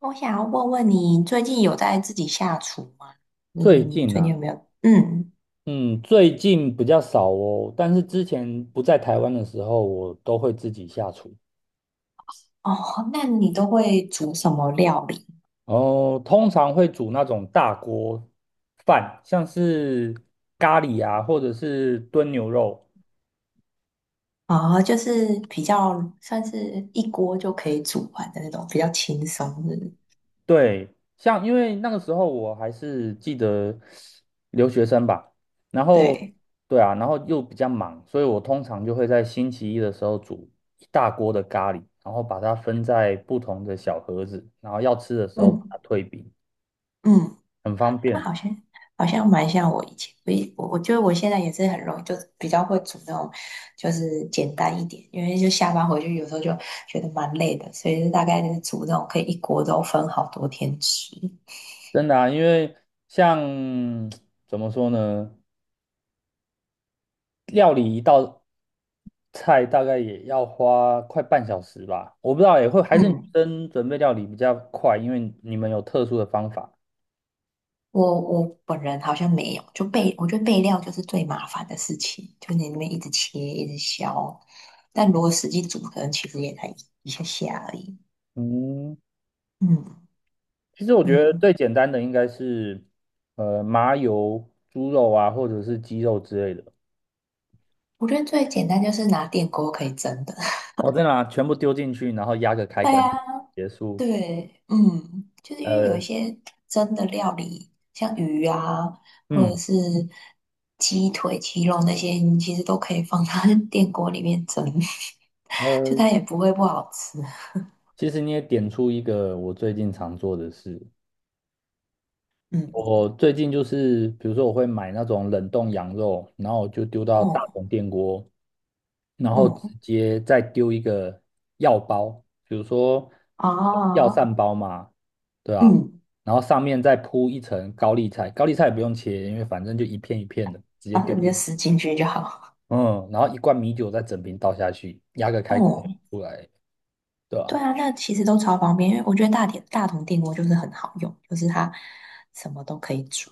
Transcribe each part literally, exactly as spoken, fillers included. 我想要问问你，最近有在自己下厨吗？就是最你近最近有啊，没有？嗯，嗯，最近比较少哦，但是之前不在台湾的时候，我都会自己下厨。哦，那你都会煮什么料理？然后通常会煮那种大锅饭，像是咖喱啊，或者是炖牛肉。哦，就是比较算是一锅就可以煮完的那种，比较轻松的。对，像因为那个时候我还是记得留学生吧，然后对，对啊，然后又比较忙，所以我通常就会在星期一的时候煮一大锅的咖喱，然后把它分在不同的小盒子，然后要吃的时候把嗯它退冰，嗯，很方那便，好像好像蛮像我以前，我以我我觉得我现在也是很容易，就比较会煮那种，就是简单一点，因为就下班回去有时候就觉得蛮累的，所以就大概就是煮那种可以一锅都分好多天吃。真的啊，因为像 怎么说呢？料理一道菜大概也要花快半小时吧，我不知道也会还是女嗯，生准备料理比较快，因为你们有特殊的方法。我我本人好像没有，就备，我觉得备料就是最麻烦的事情，就你那边一直切，一直削，但如果实际煮，可能其实也才一一下下而已。嗯，嗯其实我觉得嗯，最简单的应该是呃麻油猪肉啊，或者是鸡肉之类的，我觉得最简单就是拿电锅可以蒸的。我再把全部丢进去，然后压个开对关就啊，结束。对，嗯，就是因为有一呃，些蒸的料理，像鱼啊，或嗯，者是鸡腿、鸡肉那些，你其实都可以放到 电锅里面蒸，就呃，它也不会不好吃。其实你也点出一个我最近常做的事，嗯，我最近就是，比如说我会买那种冷冻羊肉，然后就丢到大哦，同电锅，然后直哦。接再丢一个药包，比如说啊，药膳包嘛，对吧？嗯，然后上面再铺一层高丽菜，高丽菜也不用切，因为反正就一片一片的，直接然丢正你进就去死进去就好。嗯，然后一罐米酒再整瓶倒下去，压个开关就哦，出来，对对吧？啊，那其实都超方便，因为我觉得大铁大同电锅就是很好用，就是它什么都可以煮，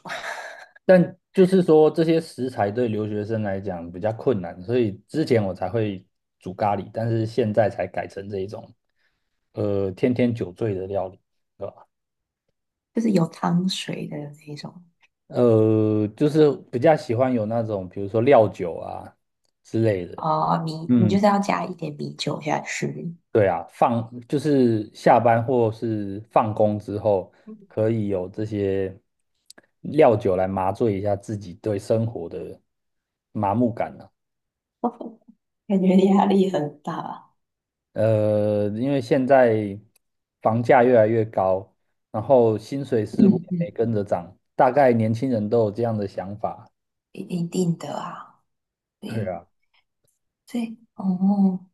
但就是说这些食材对留学生来讲比较困难，所以之前我才会煮咖喱，但是现在才改成这一种，呃，天天酒醉的料理，对吧？就是有汤水的那一种。呃，就是比较喜欢有那种，比如说料酒啊之类的。哦，米，你就嗯，是要加一点米酒下去，对啊，放就是下班或是放工之后，可以有这些料酒来麻醉一下自己对生活的麻木感啊。感觉压力很大。呃，因为现在房价越来越高，然后薪水似乎嗯也没嗯，跟着涨，大概年轻人都有这样的想法。一一定的啊，对对啊，对，哦，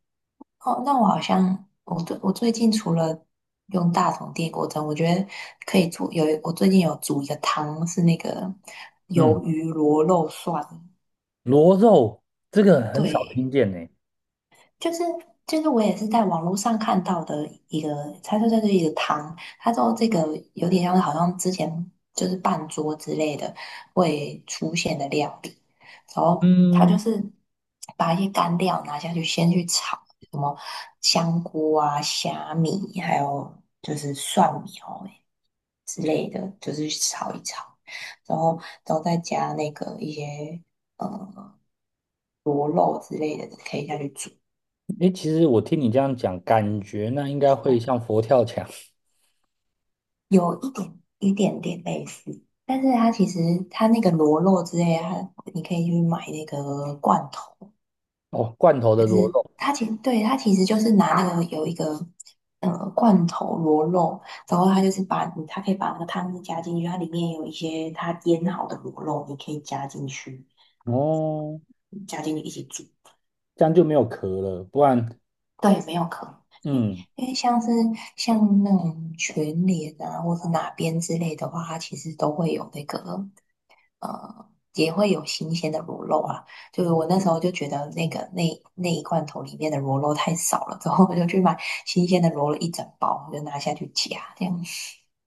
哦，那我好像我最我最近除了用大同电锅蒸，我觉得可以做有我最近有煮一个汤，是那个嗯，鱿鱼螺肉蒜，螺肉这个很少听对，见呢。就是就是我也是在网络上看到的一个，他说就是一个汤，他说这个有点像是好像之前就是半桌之类的会出现的料理，然后他就嗯，是把一些干料拿下去先去炒，什么香菇啊、虾米，还有就是蒜苗之类的，就是炒一炒，然后然后再加那个一些呃螺肉之类的可以下去煮。诶，其实我听你这样讲，感觉那应该会像佛跳墙。 有一点一点点类似，但是它其实它那个螺肉之类的它你可以去买那个罐头，哦，罐头的就螺是肉。它其实对它其实就是拿那个有一个呃罐头螺肉，然后它就是把它可以把那个汤汁加进去，它里面有一些它腌好的螺肉，你可以加进去，哦，加进去一起煮，这样就没有壳了，不然，对，没有壳，因为嗯，因为像是像那种全脸啊，或是哪边之类的话，它其实都会有那个呃，也会有新鲜的螺肉啊。就是我那时候就觉得那个那那一罐头里面的螺肉太少了，之后我就去买新鲜的螺肉一整包，我就拿下去夹这样。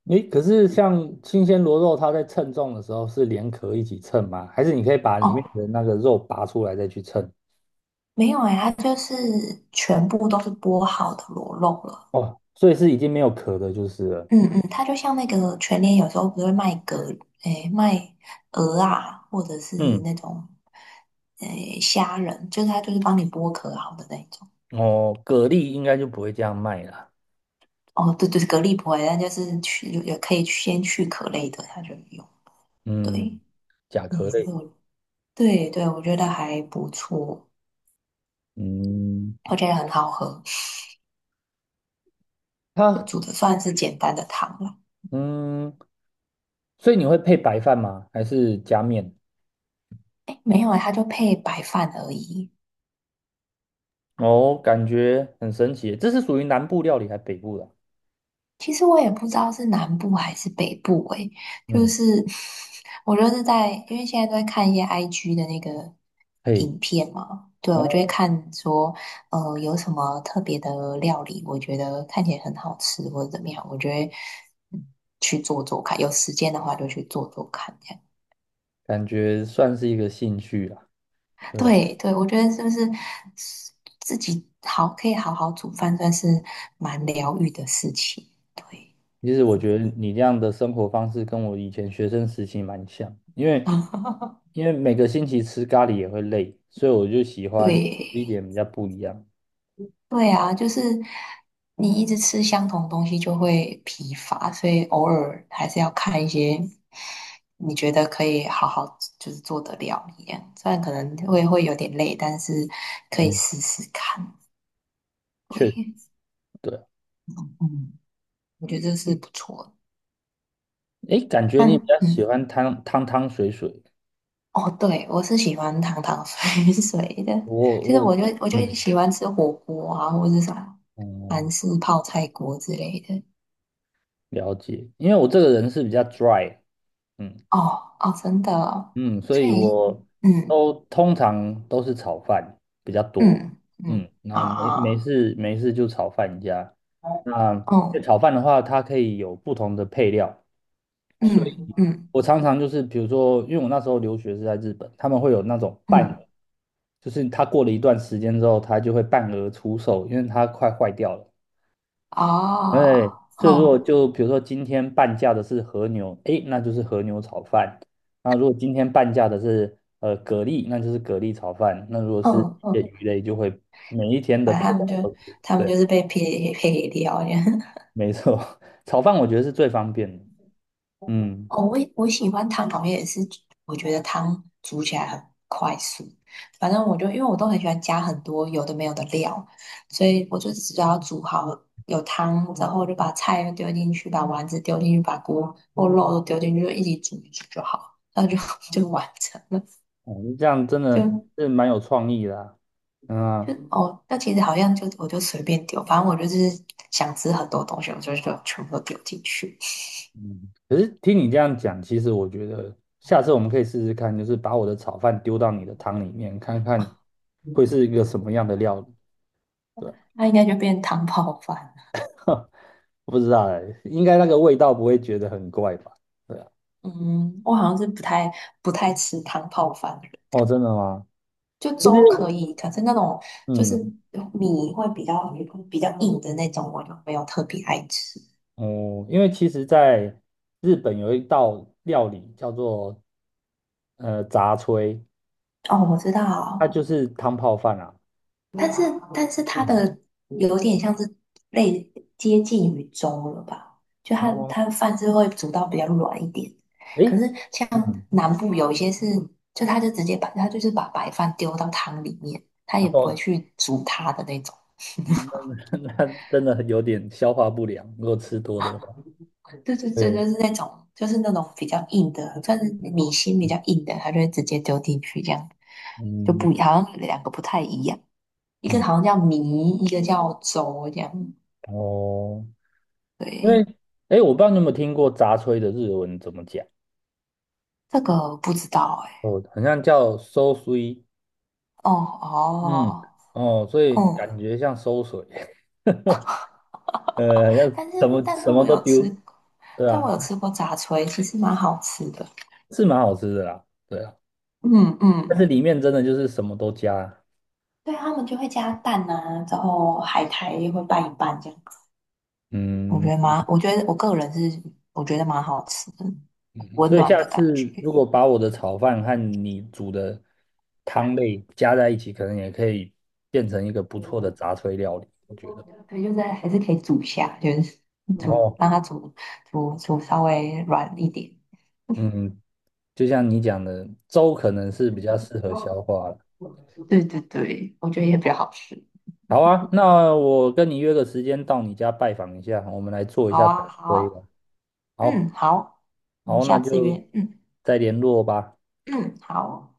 诶，可是像新鲜螺肉，它在称重的时候是连壳一起称吗？还是你可以把里面哦，的那个肉拔出来再去称？没有哎、它就是全部都是剥好的螺肉了。哦，所以是已经没有壳的，就是了。嗯嗯，它就像那个全联，有时候不是会卖蛤，诶，卖鹅啊，或者是嗯，那种诶虾仁，就是它就是帮你剥壳好的那一种。哦，蛤蜊应该就不会这样卖了。哦，对对，蛤蜊不会，但就是去也可以先去壳类的，它就有。嗯，对，甲嗯，这壳是类。我对对，我觉得还不错，嗯，我觉得很好喝，它煮的算是简单的汤了。嗯，所以你会配白饭吗？还是加面？诶，没有啊，它就配白饭而已。哦，感觉很神奇耶，这是属于南部料理还是北部的啊？其实我也不知道是南部还是北部诶，就嗯，是 我就是在，因为现在都在看一些 I G 的那个嘿，影片嘛，对，我就会哦，看说，呃，有什么特别的料理，我觉得看起来很好吃或者怎么样，我就得嗯去做做看，有时间的话就去做做看，这样。感觉算是一个兴趣啦。对啊，对对，我觉得是不是自己好可以好好煮饭，算是蛮疗愈的事情，对，其实我觉得你这样的生活方式跟我以前学生时期蛮像，因为嗯，因为每个星期吃咖喱也会累，所以我就喜 欢吃对。一点比较不一样。对啊，就是你一直吃相同东西就会疲乏，所以偶尔还是要看一些你觉得可以好好就是做的料理啊，虽然可能会会有点累，但是可以嗯，试试看。确实，对，对，嗯，我觉得这是不错的。诶，感觉你比较喜嗯，欢汤汤汤水水，哦，对，我是喜欢汤汤水 水的，我其实我我就我就嗯，喜欢吃火锅啊，或者是啥韩哦、式泡菜锅之类的。了解，因为我这个人是比较 dry，嗯，哦哦，真的哦，嗯，所所以以。我嗯，都通常都是炒饭比较多。嗯嗯，嗯啊那没没啊，事没事就炒饭加。那因为哦炒饭的话，它可以有不同的配料，所以嗯嗯我常常就是比如说，因为我那时候留学是在日本，他们会有那种半额，嗯就是它过了一段时间之后，它就会半额出售，因为它快坏掉了。哎，哦所以如果哦就比如说今天半价的是和牛，哎，那就是和牛炒饭。那如果今天半价的是呃蛤蜊，那就是蛤蜊炒饭。那如果是嗯一些嗯，鱼类，就会每一天的反配正他们料就都是他们对，就是被配配给料这样。没错。炒饭我觉得是最方便的。嗯，哦，我也我喜欢汤好像也是，我觉得汤煮起来很快速。反正我就因为我都很喜欢加很多有的没有的料，所以我就只要煮好有汤然后，我就把菜丢进去，把丸子丢进去，把锅或肉都丢进去，就一起煮一煮就好，那就 就完成了。哦，这样真的就。是蛮有创意的啊。嗯就啊，哦，那其实好像就我就随便丢，反正我就是想吃很多东西，我就就全部都丢进去，嗯，可是听你这样讲，其实我觉得下次我们可以试试看，就是把我的炒饭丢到你的汤里面，看看会是一个什么样的料理。对啊， 那应该就变汤泡饭了 我不知道哎，应该那个味道不会觉得很怪吧？对啊，嗯，我好像是不太不太吃汤泡饭的人，哦，真的吗？就其实，粥可以，可是那种就是嗯，米会比较比较硬的那种，我就没有特别爱吃。哦，因为其实在日本有一道料理叫做呃杂炊，哦，我知它道，就是汤泡饭啊。但是但是它嗯，的有点像是类接近于粥了吧？就它哦，它的饭是会煮到比较软一点，可诶，是像嗯，南部有一些是，就它就直接把它就是把白饭丢到汤里面，它然也不会后去煮它的那种。嗯 那 那真的有点消化不良，如果吃多的话。对对对，就对，是那种就是那种比较硬的，算是米心比较硬的，它就会直接丢进去，这样就不嗯好像两个不太一样，一个嗯，好像叫米，一个叫粥这样。哦，因为对，诶，我不知道你有没有听过杂炊的日文怎么讲。这个不知道哎、哦，好像叫 s o s u。 哦嗯，哦，哦，所以嗯，感觉像馊水，呃，好像但什是么但什是么我都有吃丢，对但我啊，有吃过炸炊，其实蛮好吃的。是蛮好吃的啦，对啊，嗯但是嗯，里面真的就是什么都加，对，他们就会加蛋啊，之后海苔会拌一拌这样子，我觉嗯，得蛮，我觉得我个人是我觉得蛮好吃的，很温所以暖下的感觉。次如果把我的炒饭和你煮的汤类加在一起，可能也可以变成一个不错的杂炊料理，我觉得。对，就是还是可以煮一下，就是煮哦，让它煮煮煮稍微软一点。嗯，就像你讲的，粥可能是比较适合消化的。对对对，我觉得也比较好吃。好啊，那我跟你约个时间到你家拜访一下，我们来做一好下展啊，好规吧。啊，好，嗯，好，我们好，那下次就约，嗯再联络吧。嗯，好。